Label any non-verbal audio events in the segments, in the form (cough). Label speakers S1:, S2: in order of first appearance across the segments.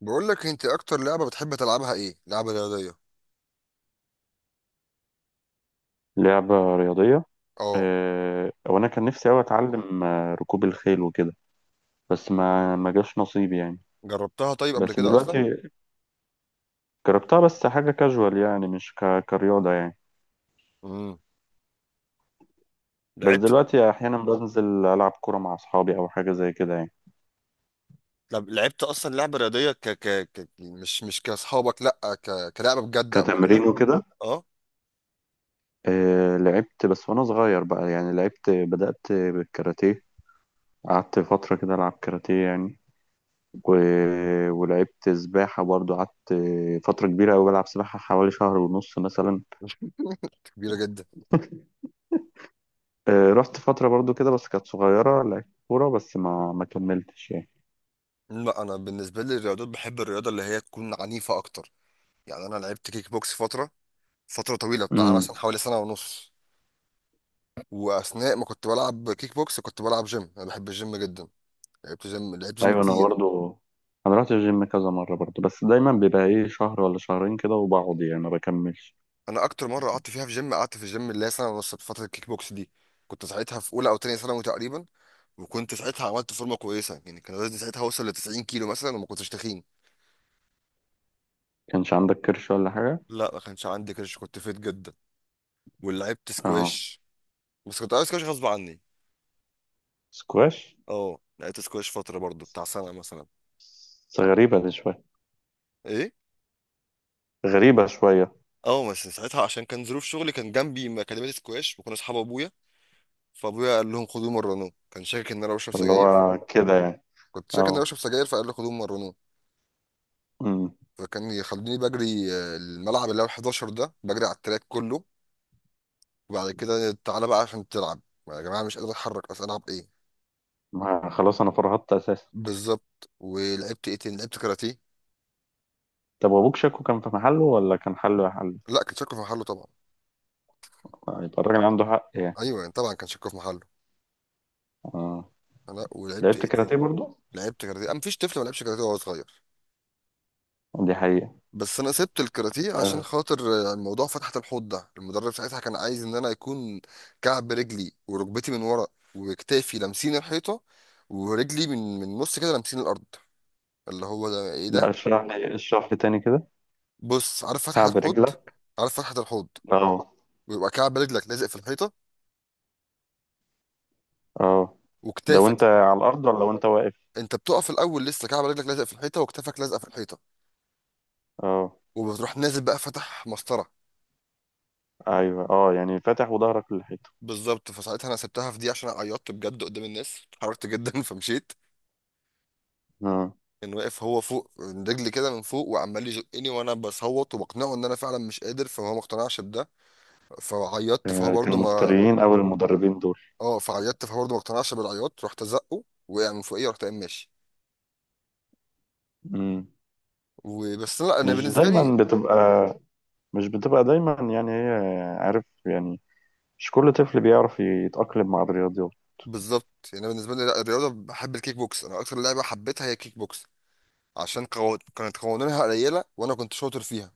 S1: بقول لك انت اكتر لعبه بتحب تلعبها ايه؟ لعبه رياضيه.
S2: لعبة رياضية.
S1: اه.
S2: آه، وأنا كان نفسي أوي أتعلم ركوب الخيل وكده. بس ما جاش نصيبي يعني.
S1: جربتها طيب قبل
S2: بس
S1: كده اصلا؟
S2: دلوقتي. جربتها بس حاجة كاجوال يعني مش كرياضة يعني.
S1: امم
S2: بس
S1: لعبت.
S2: دلوقتي أحيانا بنزل ألعب كورة مع أصحابي أو حاجة زي كده يعني.
S1: لعبت اصلا لعبه رياضيه مش كاصحابك، لا كلعبه بجد قبل كده؟
S2: كتمرين وكده.
S1: اه.
S2: آه، لعبت بس وأنا صغير بقى يعني بدأت بالكاراتيه. قعدت فترة كده ألعب كاراتيه يعني. و... ولعبت سباحة برضو قعدت فترة كبيرة أوي بلعب سباحة حوالي شهر ونص مثلا.
S1: كبيره جدا.
S2: آه، رحت فترة برضو كده بس كانت صغيرة لعبت كورة بس ما كملتش يعني.
S1: لا انا بالنسبه لي الرياضات، بحب الرياضه اللي هي تكون عنيفه اكتر. يعني انا لعبت كيك بوكس فتره طويله بتاع
S2: امم.
S1: مثلا حوالي سنه ونص. واثناء ما كنت بلعب كيك بوكس كنت بلعب جيم، انا بحب الجيم جدا. لعبت جيم
S2: ايوه انا
S1: كتير.
S2: برضو. انا رحت الجيم كذا مرة برضو بس دايما بيبقى ايه شهر ولا شهرين كده وبقعد يعني ما بكملش.
S1: انا اكتر مره قعدت فيها في جيم، قعدت في الجيم اللي هي سنه ونص في فتره الكيك بوكس دي. كنت ساعتها في اولى او تانية ثانوي تقريبا. وكنت ساعتها عملت فورمه كويسه، يعني كان وزني ساعتها وصل ل 90 كيلو مثلا وما كنتش تخين.
S2: كانش عندك كرش ولا حاجة؟
S1: لا، ما كانش عندي كرش، كنت فيت جدا. ولعبت
S2: اه.
S1: سكواش. بس كنت عايز سكواش غصب عني.
S2: سكواش.
S1: اه، لعبت سكواش فتره برضو بتاع سنه مثلا.
S2: بس غريبة دي شوية.
S1: ايه؟
S2: غريبة شوية.
S1: اه، بس ساعتها عشان كان ظروف شغلي، كان جنبي اكاديميه سكواش وكنا اصحاب ابويا. فابويا قال لهم خدوه مرنوه، كان شاكك ان انا بشرب
S2: اللي
S1: سجاير.
S2: هو كده يعني.
S1: كنت شاكك ان انا
S2: اه.
S1: بشرب سجاير، فقال لي خدوه مرنوه.
S2: امم.
S1: فكان يخلوني بجري الملعب اللي هو 11 ده، بجري على التراك كله. وبعد كده تعالى بقى عشان تلعب. يا جماعه مش قادر اتحرك، اصل العب ايه؟
S2: خلاص انا فرهدت اساسا.
S1: بالظبط. ولعبت ايه تاني؟ لعبت كاراتيه.
S2: طب وابوك شكو كان في محله ولا كان حله يا حل؟
S1: لا، كان شكله في محله طبعا.
S2: آه، يبقى الراجل عنده حق يعني.
S1: ايوه يعني طبعا كان شكله في محله.
S2: اه.
S1: انا ولعبت
S2: لعبت
S1: ايه تاني؟
S2: كاراتيه برضو.
S1: لعبت كاراتيه. أنا مفيش طفل ما لعبش كاراتيه وهو صغير.
S2: دي حقيقة.
S1: بس انا سبت الكاراتيه عشان
S2: آه.
S1: خاطر الموضوع، فتحة الحوض ده. المدرب ساعتها كان عايز ان انا يكون كعب رجلي وركبتي من ورا وكتافي لامسين الحيطه، ورجلي من نص كده لامسين الارض. اللي هو ده ايه
S2: لا،
S1: ده؟
S2: اشرح لي اشرح لي تاني كده.
S1: بص، عارف فتحة
S2: قاعد
S1: الحوض.
S2: رجلك.
S1: عارف فتحة الحوض؟
S2: اه.
S1: بيبقى كعب رجلك لازق في الحيطة
S2: اه. ده
S1: وكتافك.
S2: وانت على الارض ولا وانت واقف؟
S1: انت بتقف الاول لسه كعب رجلك لازق في الحيطة وكتافك لازقة في الحيطة.
S2: اه.
S1: وبتروح نازل بقى فتح مسطرة.
S2: ايوه، اه، يعني فاتح وظهرك للحيطه.
S1: بالظبط. فساعتها انا سبتها في دي عشان عيطت بجد قدام الناس، اتحركت جدا (laughs) فمشيت.
S2: اه.
S1: كان واقف هو فوق من رجلي كده من فوق وعمال يزقني وانا بصوت وبقنعه ان انا فعلا مش قادر، فهو ما اقتنعش بده. فعيطت فهو
S2: آه، كانوا
S1: برضه ما.
S2: مفتريين او المدربين دول؟
S1: اه. فعيطت فهو برضه ما اقتنعش بالعياط، رحت ازقه وقع من فوقيه ورحت قايم ماشي.
S2: مم.
S1: وبس. لا انا
S2: مش
S1: بالنسبه
S2: دايما
S1: لي.
S2: بتبقى. مش بتبقى دايما يعني هي عارف يعني. مش كل طفل بيعرف يتأقلم مع الرياضيات.
S1: بالظبط. يعني انا بالنسبه لي، لا الرياضه، بحب الكيك بوكس. انا اكتر لعبه حبيتها هي الكيك بوكس. عشان كانت قوانينها قليله وانا كنت شاطر فيها.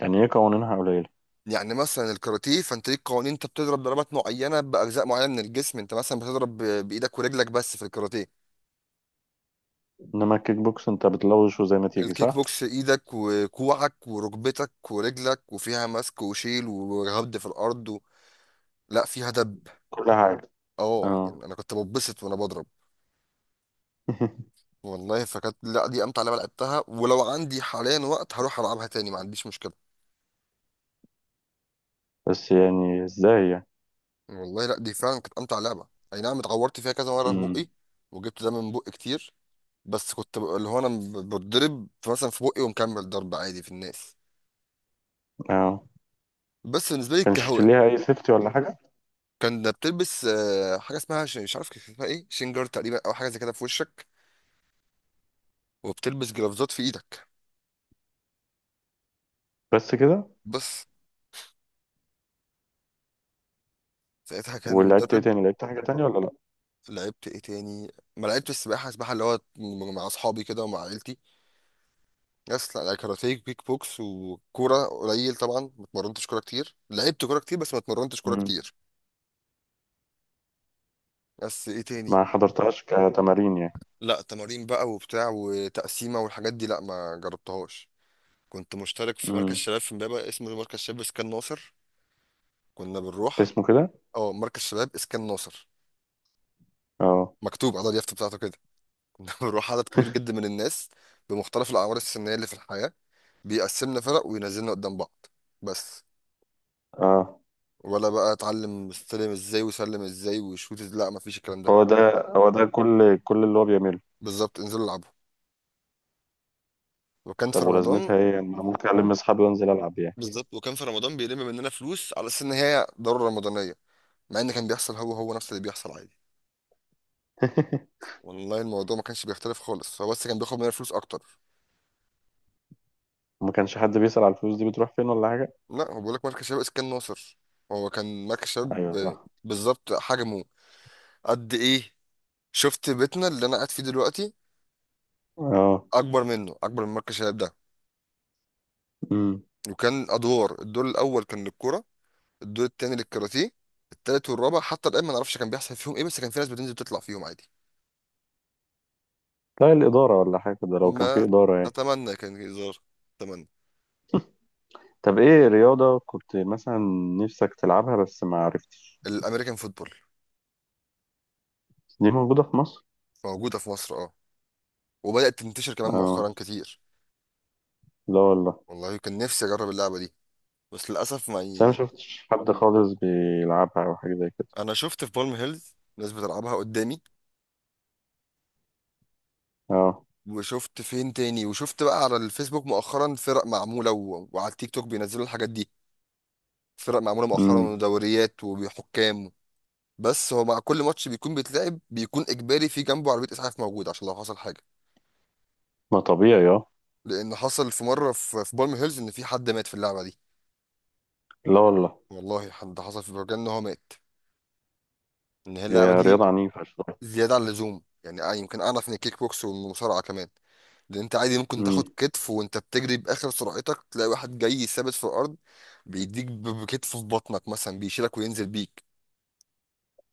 S2: يعني هي قوانينها قليلة؟
S1: يعني مثلا الكاراتيه فانت ليك قوانين، انت بتضرب ضربات معينه باجزاء معينه من الجسم. انت مثلا بتضرب بايدك ورجلك بس في الكاراتيه.
S2: انما الكيك بوكس انت بتلوش وزي ما تيجي،
S1: الكيك
S2: صح؟
S1: بوكس ايدك وكوعك وركبتك ورجلك، وفيها مسك وشيل وهبد في الارض و... لا فيها دب.
S2: كل حاجة.
S1: اه
S2: اه.
S1: يعني انا كنت ببسط وانا بضرب.
S2: (laughs)
S1: والله، فكانت، لا دي امتع لعبه لعبتها. ولو عندي حاليا وقت هروح العبها تاني، ما عنديش مشكله.
S2: بس يعني ازاي يعني؟
S1: والله لا، دي فعلا كانت امتع لعبه. اي نعم، اتعورت فيها كذا مره في
S2: مم.
S1: بقي. وجبت دم من بقي كتير. بس كنت اللي هو انا بتضرب مثلا في بقي ومكمل ضرب عادي في الناس.
S2: اه.
S1: بس بالنسبه لي
S2: كانش
S1: كهواء.
S2: ليها اي سيفتي ولا حاجه؟
S1: كان ده بتلبس حاجه اسمها مش عارف كان اسمها ايه، شنجر تقريبا او حاجه زي كده في وشك. وبتلبس جرافزات في ايدك.
S2: بس كده؟
S1: بس. ساعتها كان
S2: ولعبت ايه
S1: مدرب.
S2: تاني؟ لعبت حاجه تانية ولا لا؟
S1: لعبت ايه تاني؟ ما لعبت السباحه. السباحه اللي هو مع اصحابي كده ومع عيلتي. يس لا لا، كاراتيه كيك بوكس وكوره قليل. طبعا ما اتمرنتش كوره كتير، لعبت كوره كتير بس ما اتمرنتش كوره
S2: مم.
S1: كتير. بس ايه تاني؟
S2: ما حضرتهاش كتمارين يعني.
S1: لا تمارين بقى وبتاع وتقسيمه والحاجات دي لا ما جربتهاش. كنت مشترك في مركز
S2: مم.
S1: شباب في امبابه اسمه مركز شباب اسكان ناصر. كنا بنروح.
S2: اسمه كده؟
S1: اه، مركز شباب اسكان ناصر.
S2: اه.
S1: مكتوب على اليافطه بتاعته كده (laughs) كنا بنروح عدد كبير جدا من الناس، بمختلف الاعمار السنيه اللي في الحياه. بيقسمنا فرق وينزلنا قدام بعض. بس.
S2: اه.
S1: ولا بقى اتعلم استلم ازاي وسلم ازاي وشوت لا مفيش الكلام ده.
S2: هو ده. هو ده كل اللي هو بيعمله.
S1: بالظبط، انزلوا العبوا. وكان
S2: طب
S1: في رمضان.
S2: ولازمتها ايه يعني؟ انا ممكن اكلم اصحابي وانزل العب يعني.
S1: بالظبط، وكان في رمضان بيلم مننا فلوس على اساس ان هي ضرورة رمضانية. مع ان كان بيحصل هو هو نفس اللي بيحصل عادي.
S2: (laughs)
S1: والله الموضوع ما كانش بيختلف خالص، هو بس كان بياخد مننا فلوس اكتر.
S2: ما كانش حد بيسأل على الفلوس دي بتروح فين ولا حاجه؟
S1: لا، هو بيقول لك مركز شباب اسكان ناصر. هو كان مركز شباب
S2: ايوه، صح.
S1: بالظبط. حجمه قد ايه؟ شفت بيتنا اللي انا قاعد فيه دلوقتي؟
S2: اه.
S1: اكبر منه، اكبر من مركز شباب ده.
S2: امم.
S1: وكان ادوار، الدور الاول كان للكوره، الدور التاني للكاراتيه، التالت والرابع حتى الآن ما نعرفش كان بيحصل فيهم إيه، بس كان في ناس بتنزل تطلع فيهم عادي.
S2: لا الاداره ولا حاجه، ده لو كان في
S1: ما
S2: اداره يعني.
S1: أتمنى كان هزار. أتمنى.
S2: طب ايه رياضه كنت مثلا نفسك تلعبها بس ما عرفتش؟
S1: الأمريكان فوتبول.
S2: دي موجوده في مصر؟
S1: موجودة في مصر، أه. وبدأت تنتشر كمان
S2: اه.
S1: مؤخرا كتير.
S2: لا والله.
S1: والله كان نفسي أجرب اللعبة دي بس للأسف ما
S2: بس انا ما
S1: يعني.
S2: شفتش حد خالص بيلعبها او حاجه زي كده.
S1: أنا شفت في بالم هيلز ناس بتلعبها قدامي.
S2: اه.
S1: وشفت فين تاني، وشفت بقى على الفيسبوك مؤخرا فرق معمولة و... وعلى التيك توك بينزلوا الحاجات دي. فرق معمولة مؤخرا
S2: امم.
S1: ودوريات وحكام. بس هو مع كل ماتش بيكون بيتلعب، بيكون اجباري في جنبه عربيه اسعاف موجوده عشان لو حصل حاجه.
S2: ما طبيعي، اه.
S1: لان حصل في مره في بالم هيلز ان في حد مات في اللعبه دي.
S2: لا والله.
S1: والله حد حصل في برجان ان هو مات. ان هي اللعبه
S2: هي
S1: دي
S2: رياضه عنيفه شويه.
S1: زياده عن اللزوم، يعني آه يمكن اعنف من الكيك بوكس والمصارعه كمان. لان انت عادي ممكن تاخد
S2: امم.
S1: كتف وانت بتجري باخر سرعتك، تلاقي واحد جاي ثابت في الارض بيديك بكتفه في بطنك مثلا، بيشيلك وينزل بيك.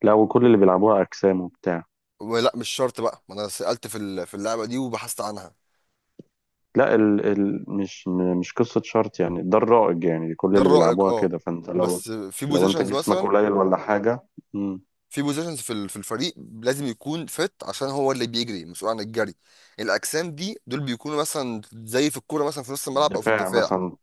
S2: لا، وكل اللي بيلعبوها اجسام وبتاع؟
S1: ولا مش شرط بقى، ما انا سالت في في اللعبه دي وبحثت عنها.
S2: لا، مش قصه شرط يعني، ده الرائج يعني كل
S1: ده
S2: اللي
S1: الرائج،
S2: بيلعبوها
S1: اه.
S2: كده، فانت لو.
S1: بس في
S2: لو انت
S1: بوزيشنز
S2: جسمك
S1: مثلا،
S2: قليل ولا حاجه؟ امم.
S1: في بوزيشنز في في الفريق لازم يكون فت عشان هو اللي بيجري مسؤول عن الجري. الاجسام دي دول بيكونوا مثلا زي في الكوره مثلا في نص الملعب او في
S2: دفاع
S1: الدفاع.
S2: مثلا.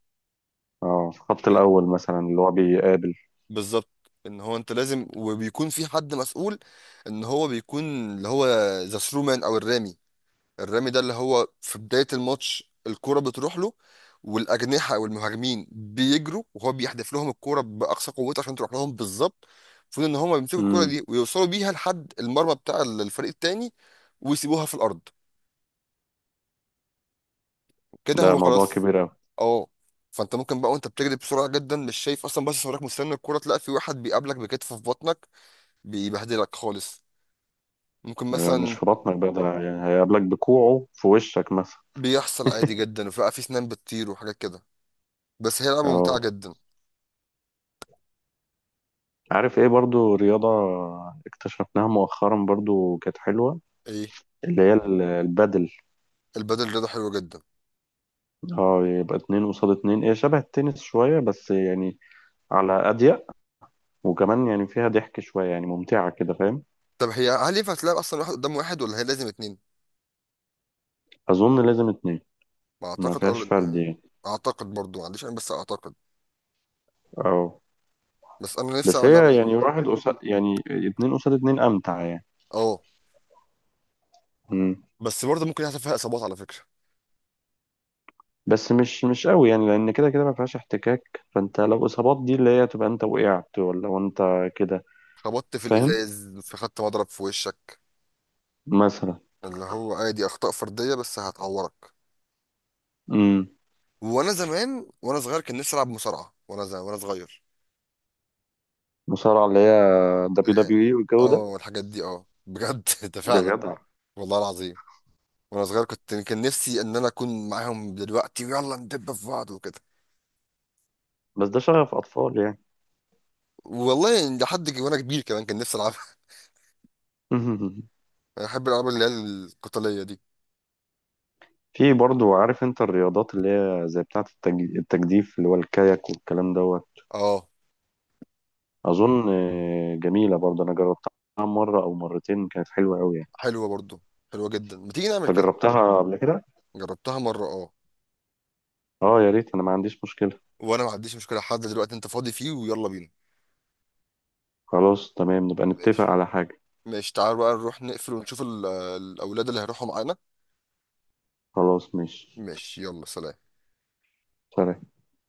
S2: اه، في الخط الاول مثلا اللي هو بيقابل.
S1: بالظبط. ان هو انت لازم، وبيكون في حد مسؤول ان هو بيكون، اللي هو، ذا ثرو مان او الرامي. الرامي ده اللي هو في بداية الماتش الكرة بتروح له. والأجنحة أو المهاجمين بيجروا وهو بيحدف لهم الكرة بأقصى قوته عشان تروح لهم بالظبط. المفروض إن هما بيمسكوا الكرة
S2: امم.
S1: دي ويوصلوا بيها لحد المرمى بتاع الفريق التاني، ويسيبوها في الأرض، كده
S2: ده
S1: هو
S2: موضوع
S1: خلاص.
S2: كبير قوي.
S1: أه. فأنت ممكن بقى وأنت بتجري بسرعة جدا مش شايف أصلا، بس صورك مستني الكرة، تلاقي في واحد بيقابلك بكتفه في بطنك، بيبهدلك خالص. ممكن
S2: مش
S1: مثلا.
S2: في بطنك بقى ده، يعني هيقابلك بكوعه في وشك مثلا.
S1: بيحصل عادي
S2: (laughs)
S1: جدا، وفي بقى في سنان بتطير وحاجات كده. بس هي لعبة ممتعة
S2: اه،
S1: جدا.
S2: عارف ايه برضو رياضة اكتشفناها مؤخرا برضو كانت حلوة.
S1: إيه؟
S2: اللي هي البادل.
S1: البدل رياضة حلوة جدا.
S2: اه، يبقى اتنين قصاد اتنين، هي شبه التنس شوية بس يعني، على أضيق، وكمان يعني فيها ضحك شوية، يعني ممتعة كده، فاهم؟
S1: طب هي هل ينفع تلعب أصلا واحد قدام واحد ولا هي لازم اتنين؟
S2: أظن لازم اتنين.
S1: ما
S2: ما
S1: أعتقد،
S2: فيهاش
S1: أه
S2: فرد
S1: لأن-.
S2: يعني.
S1: أعتقد برضو، ما عنديش أنا، بس أعتقد.
S2: اه.
S1: بس أنا نفسي
S2: بس
S1: أعمل اللعبة
S2: هي
S1: دي.
S2: يعني واحد قصاد، يعني اتنين قصاد اتنين أمتع يعني.
S1: أه.
S2: مم.
S1: بس برضه ممكن يحصل فيها إصابات على فكرة.
S2: بس مش قوي يعني، لأن كده كده ما فيهاش احتكاك، فأنت لو إصابات دي اللي هي تبقى، أنت وقعت، ولا وأنت كده.
S1: خبطت في
S2: فاهم.
S1: الإزاز، في خدت مضرب في وشك.
S2: مثلا.
S1: اللي هو عادي أخطاء فردية بس هتعورك.
S2: مم.
S1: وأنا زمان وأنا صغير كان نفسي ألعب مصارعة. وأنا زمان وأنا صغير
S2: مصارعة، اللي هي دبليو
S1: اللي هي،
S2: دبليو اي والجو ده؟
S1: أه الحاجات دي، أه بجد (laughs) ده
S2: يا
S1: فعلا.
S2: جدع.
S1: والله العظيم. وأنا صغير كنت كان نفسي إن أنا أكون معاهم دلوقتي ويلا ندب في بعض وكده.
S2: بس ده شغف أطفال يعني.
S1: والله لحد وانا كبير كمان كان نفسي العبها.
S2: (laughs)
S1: (laughs) انا بحب الالعاب اللي هي القتاليه دي.
S2: في برضو عارف انت الرياضات اللي هي زي بتاعة التجديف، اللي هو الكاياك والكلام دوت؟
S1: اه.
S2: أظن. آه، جميلة برضو أنا جربتها مرة أو مرتين، كانت حلوة أوي يعني.
S1: حلوه برضو، حلوه جدا. ما تيجي نعمل
S2: أنت
S1: كده.
S2: جربتها قبل كده؟
S1: جربتها مره، اه.
S2: أه، يا ريت، أنا ما عنديش مشكلة.
S1: وانا ما عنديش مشكله، حد دلوقتي انت فاضي فيه ويلا بينا.
S2: خلاص تمام، نبقى نتفق
S1: ماشي.
S2: على حاجة.
S1: ماشي، تعال بقى نروح نقفل ونشوف الاولاد اللي هيروحوا معانا.
S2: خلاص ماشي.
S1: ماشي، يلا سلام.
S2: سلام.